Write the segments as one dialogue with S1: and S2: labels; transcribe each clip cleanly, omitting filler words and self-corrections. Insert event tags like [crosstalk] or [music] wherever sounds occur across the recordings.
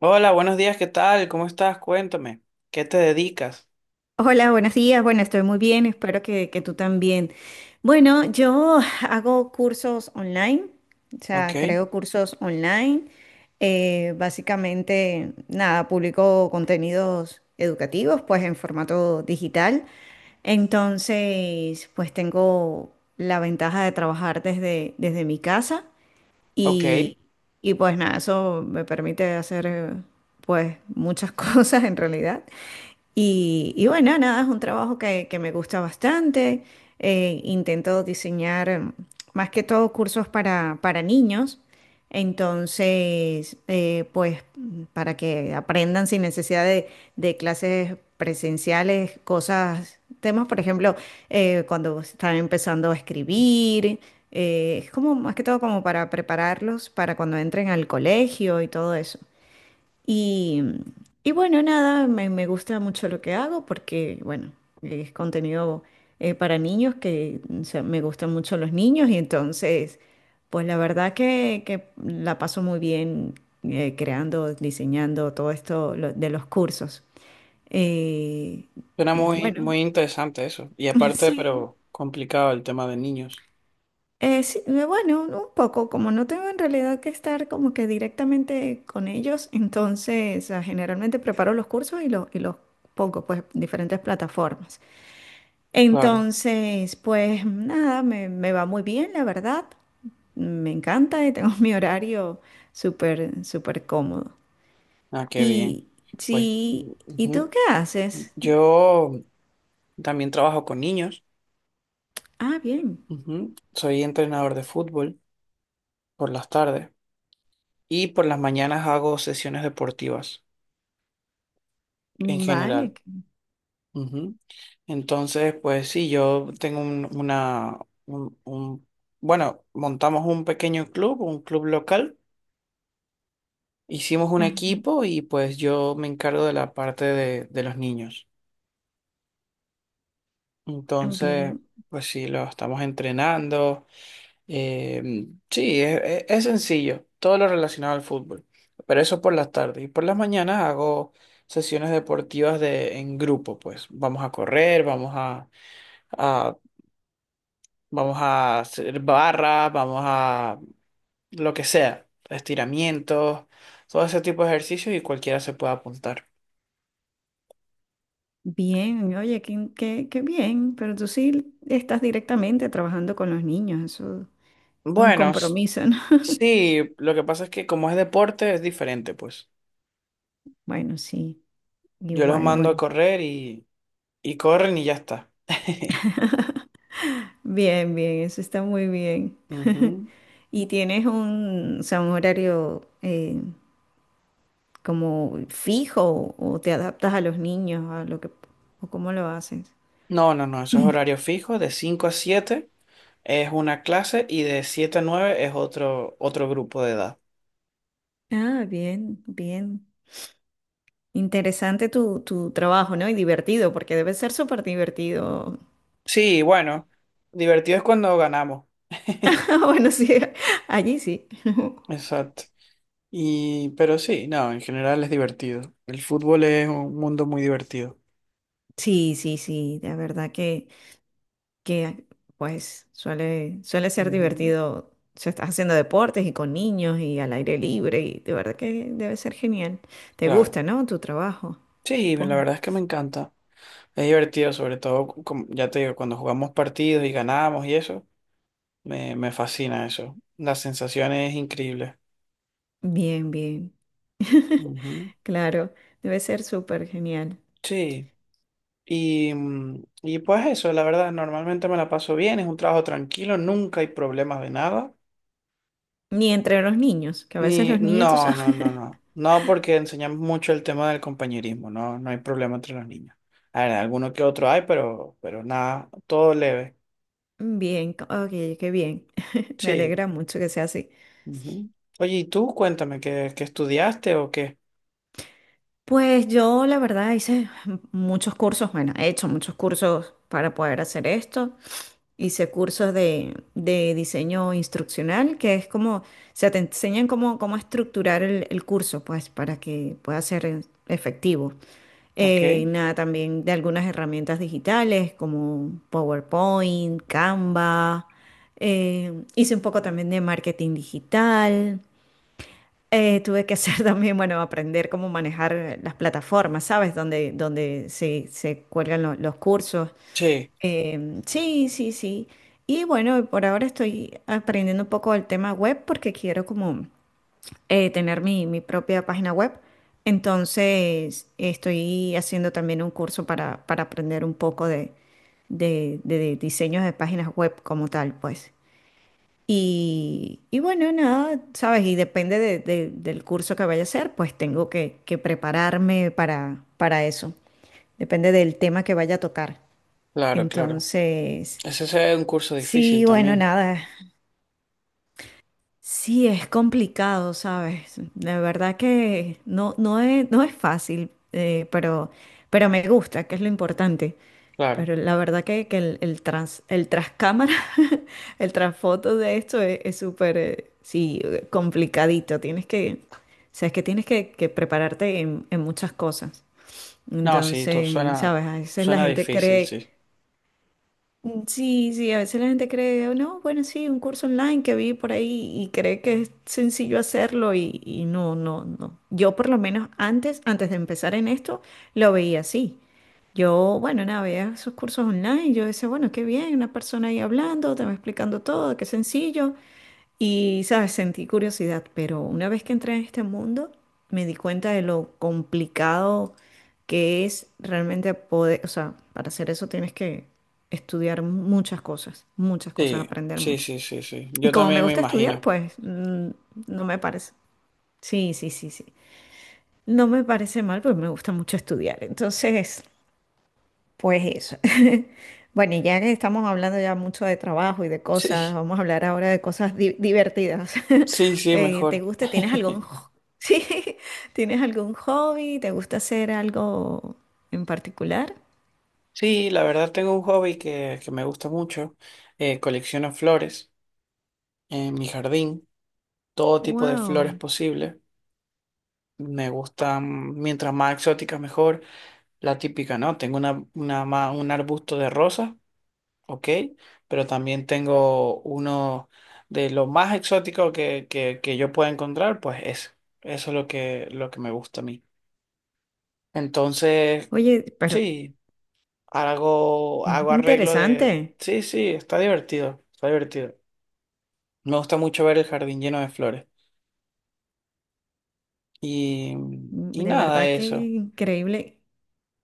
S1: Hola, buenos días, ¿qué tal? ¿Cómo estás? Cuéntame, ¿qué te dedicas?
S2: Hola, buenos días. Bueno, estoy muy bien, espero que tú también. Bueno, yo hago cursos online, o
S1: Ok,
S2: sea, creo cursos online. Básicamente, nada, publico contenidos educativos, pues en formato digital. Entonces, pues tengo la ventaja de trabajar desde mi casa
S1: ok.
S2: y, y pues nada, eso me permite hacer pues muchas [laughs] cosas en realidad. Y bueno, nada, es un trabajo que me gusta bastante. Intento diseñar más que todo cursos para niños. Entonces, pues para que aprendan sin necesidad de clases presenciales, cosas, temas, por ejemplo, cuando están empezando a escribir. Eh, es como más que todo como para prepararlos para cuando entren al colegio y todo eso. Y, y bueno, nada, me gusta mucho lo que hago porque, bueno, es contenido para niños que o sea, me gustan mucho los niños y entonces, pues la verdad que la paso muy bien creando, diseñando todo esto de los cursos. Eh,
S1: Suena muy,
S2: bueno,
S1: muy interesante eso. Y
S2: [laughs]
S1: aparte,
S2: sí.
S1: pero complicado el tema de niños.
S2: Sí, bueno, un poco, como no tengo en realidad que estar como que directamente con ellos, entonces generalmente preparo los cursos y, los pongo pues en diferentes plataformas.
S1: Claro.
S2: Entonces, pues nada, me va muy bien, la verdad. Me encanta y tengo [laughs] mi horario súper, súper cómodo.
S1: Ah, qué bien.
S2: Y
S1: Pues
S2: sí, ¿y tú
S1: ujú.
S2: qué haces?
S1: Yo también trabajo con niños.
S2: Ah, bien,
S1: Ujú. Soy entrenador de fútbol por las tardes y por las mañanas hago sesiones deportivas en
S2: vale.
S1: general. Ujú. Entonces, pues sí, yo tengo un, un- bueno, montamos un pequeño club, un club local, hicimos un
S2: Ah,
S1: equipo y pues yo me encargo de la parte de los niños. Entonces,
S2: bien.
S1: pues sí, lo estamos entrenando. Sí, es sencillo, todo lo relacionado al fútbol, pero eso por las tardes. Y por las mañanas hago sesiones deportivas en grupo, pues vamos a correr, vamos a vamos a hacer barra, vamos a lo que sea, estiramientos, todo ese tipo de ejercicios y cualquiera se puede apuntar.
S2: Bien, oye, qué bien, pero tú sí estás directamente trabajando con los niños, eso es un
S1: Bueno, s-
S2: compromiso, ¿no? [laughs]
S1: sí, lo que pasa es que como es deporte es diferente, pues.
S2: Bueno, sí,
S1: Yo los
S2: igual,
S1: mando a
S2: bueno.
S1: correr y corren y ya está. [laughs]
S2: Bien, bien, eso está muy bien. [laughs]
S1: Ujú.
S2: ¿Y tienes un, o sea, un horario como fijo o te adaptas a los niños, a lo que, o cómo lo haces?
S1: No, no, no, eso es horario fijo, de 5 a 7 es una clase y de 7 a 9 es otro, otro grupo de edad.
S2: Ah, bien, bien. Interesante tu trabajo, ¿no? Y divertido, porque debe ser súper divertido. [laughs]
S1: Sí, bueno, divertido es cuando ganamos.
S2: Ah, bueno, sí, allí sí. [laughs]
S1: Exacto. Y, pero sí, no, en general es divertido. El fútbol es un mundo muy divertido.
S2: Sí, sí, sí, la verdad que pues suele ser
S1: Ujú,
S2: divertido. Se estás haciendo deportes y con niños y al aire libre y de verdad que debe ser genial. ¿Te
S1: claro.
S2: gusta, no? Tu trabajo,
S1: Sí, la
S2: supongo.
S1: verdad es que me encanta. Es divertido, sobre todo, como, ya te digo, cuando jugamos partidos y ganamos y eso, me fascina eso. La sensación es increíble.
S2: Bien, bien. [laughs]
S1: Ujú,
S2: Claro, debe ser súper genial.
S1: sí. Y, y pues eso, la verdad, normalmente me la paso bien, es un trabajo tranquilo, nunca hay problemas de nada.
S2: Ni entre los niños, que a veces
S1: Ni,
S2: los niños, tú
S1: no,
S2: sabes.
S1: no, no,
S2: [laughs]
S1: no. No, porque enseñamos mucho el tema del compañerismo, no, no hay problema entre los niños. A ver, alguno que otro hay, pero nada, todo leve.
S2: Bien, ok, qué bien. [laughs] Me
S1: Sí.
S2: alegra mucho que sea así.
S1: Ujú. Oye, y tú cuéntame, ¿qué estudiaste o qué?
S2: Pues yo la verdad hice muchos cursos, bueno, he hecho muchos cursos para poder hacer esto. Hice cursos de diseño instruccional, que es como, se te enseñan cómo estructurar el curso, pues para que pueda ser efectivo.
S1: Ok.
S2: Nada, también de algunas herramientas digitales como PowerPoint, Canva. Hice un poco también de marketing digital. Tuve que hacer [laughs] también, bueno, aprender cómo manejar las plataformas, ¿sabes? Donde se cuelgan los cursos.
S1: Sí,
S2: Sí, sí, sí. Y bueno, por ahora estoy aprendiendo un poco el tema web porque quiero como tener mi propia página web. Entonces, estoy haciendo también un curso para aprender un poco de diseños de páginas web como tal, pues. Y bueno, nada, sabes, y depende del curso que vaya a hacer, pues tengo que prepararme para eso. Depende del tema que vaya a tocar.
S1: claro, claro.
S2: Entonces,
S1: Ese es un curso difícil
S2: sí, bueno,
S1: también,
S2: nada, sí, es complicado, ¿sabes? La verdad que no, no es fácil, pero me gusta, que es lo importante.
S1: claro.
S2: Pero la verdad que el, el tras cámara, [laughs] el trasfoto de esto es súper, sí, complicadito. Tienes que, o sea, es que tienes que prepararte en muchas cosas.
S1: No, sí, tú,
S2: Entonces,
S1: suena,
S2: ¿sabes? A veces la
S1: suena
S2: gente
S1: difícil,
S2: cree...
S1: sí.
S2: Sí, sí, a veces la gente cree, "Oh, no, bueno, sí, un curso online que vi por ahí y cree que es sencillo hacerlo y no, no, no". Yo por lo menos antes de empezar en esto, lo veía así. Yo, bueno, nada, veía esos cursos online, yo decía, bueno, qué bien, una persona ahí hablando, te va explicando todo, qué sencillo. Y, sabes, sentí curiosidad, pero una vez que entré en este mundo, me di cuenta de lo complicado que es realmente poder, o sea, para hacer eso tienes que estudiar muchas cosas,
S1: Sí,
S2: aprender
S1: sí,
S2: mucho.
S1: sí, sí, sí.
S2: Y
S1: Yo
S2: como me
S1: también me
S2: gusta estudiar,
S1: imagino. [laughs]
S2: pues no me parece. Sí, sí, sí, sí. No me parece mal, pues me gusta mucho estudiar. Entonces, pues eso. [laughs] Bueno, y ya que estamos hablando ya mucho de trabajo y de cosas,
S1: Sí,
S2: vamos a hablar ahora de cosas divertidas. [laughs]
S1: sí, sí,
S2: ¿Te
S1: mejor.
S2: gusta?
S1: [laughs]
S2: [laughs] Sí, ¿tienes algún hobby? ¿Te gusta hacer algo en particular?
S1: Sí, la verdad tengo un hobby que me gusta mucho. Colecciono flores en mi jardín, todo tipo de flores
S2: Wow.
S1: posible. Me gustan, mientras más exóticas mejor. La típica, ¿no? Tengo un arbusto de rosas, ok, pero también tengo uno de lo más exótico que yo pueda encontrar, pues es. Eso es lo lo que me gusta a mí. Entonces,
S2: Oye, pero
S1: sí. Hago, hago arreglo de...
S2: interesante.
S1: Sí, sí, está divertido, está divertido. Me gusta mucho ver el jardín lleno de flores. Y, y
S2: De
S1: nada,
S2: verdad que
S1: eso.
S2: increíble.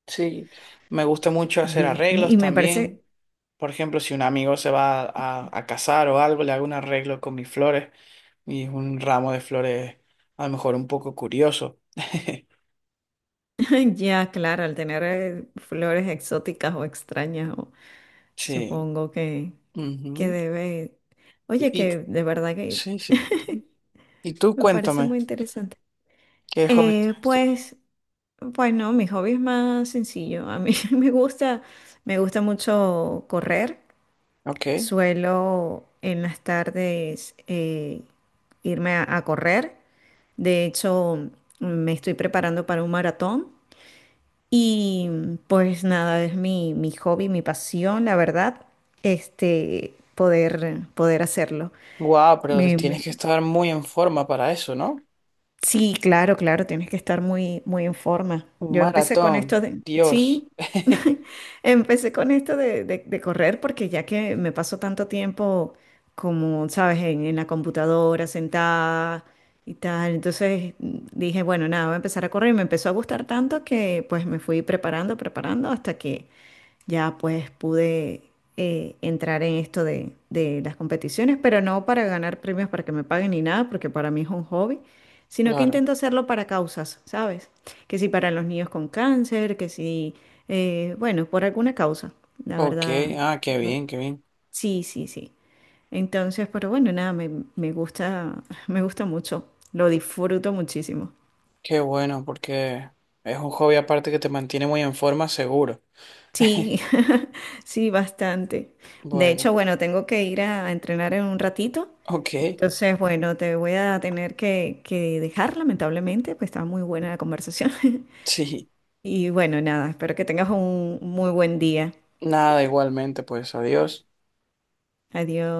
S1: Sí, me gusta mucho hacer
S2: Bien.
S1: arreglos
S2: Y me parece,
S1: también. Por ejemplo, si un amigo se va a casar o algo, le hago un arreglo con mis flores y es un ramo de flores a lo mejor un poco curioso. [laughs]
S2: [laughs] ya claro, al tener flores exóticas o extrañas,
S1: Sí.
S2: supongo que
S1: Ujú.
S2: debe. Oye,
S1: Y
S2: que de verdad que
S1: sí, sí. Y
S2: [laughs]
S1: tú
S2: me parece
S1: cuéntame,
S2: muy interesante.
S1: ¿qué hobby tienes tú?
S2: Pues, pues no, mi hobby es más sencillo. A mí [laughs] me gusta mucho correr.
S1: Ok.
S2: Suelo en las tardes irme a correr. De hecho, me estoy preparando para un maratón. Y pues nada, es mi, mi hobby, mi pasión, la verdad, este, poder hacerlo.
S1: Guau, pero te
S2: Me
S1: tienes que estar muy en forma para eso, ¿no?
S2: Sí, claro, claro, tienes que estar muy, muy en forma.
S1: Un
S2: Yo empecé con esto
S1: maratón,
S2: de,
S1: Dios.
S2: sí,
S1: [laughs]
S2: [laughs] empecé con esto de correr porque ya que me paso tanto tiempo como, sabes, en la computadora sentada y tal, entonces dije, bueno, nada, voy a empezar a correr y me empezó a gustar tanto que pues me fui preparando, preparando hasta que ya pues pude entrar en esto de las competiciones, pero no para ganar premios para que me paguen ni nada, porque para mí es un hobby, sino que
S1: Claro.
S2: intento hacerlo para causas, ¿sabes? Que si para los niños con cáncer, que si, bueno, por alguna causa, la
S1: Ok,
S2: verdad.
S1: ah, qué
S2: no-
S1: bien, qué bien.
S2: Sí, sí, sí. Entonces, pero bueno, nada, me gusta, [laughs] me gusta mucho, lo disfruto muchísimo.
S1: Qué bueno, porque es un hobby aparte que te mantiene muy en forma, seguro.
S2: Sí,
S1: [laughs]
S2: [laughs] sí, bastante. De hecho,
S1: Bueno,
S2: bueno, tengo que ir a entrenar en un ratito.
S1: ok,
S2: Entonces, bueno, te voy a tener que dejar, lamentablemente, pues estaba muy buena la conversación. [laughs]
S1: sí.
S2: Y bueno, nada, espero que tengas un muy buen día.
S1: Nada, igualmente, pues adiós.
S2: Adiós.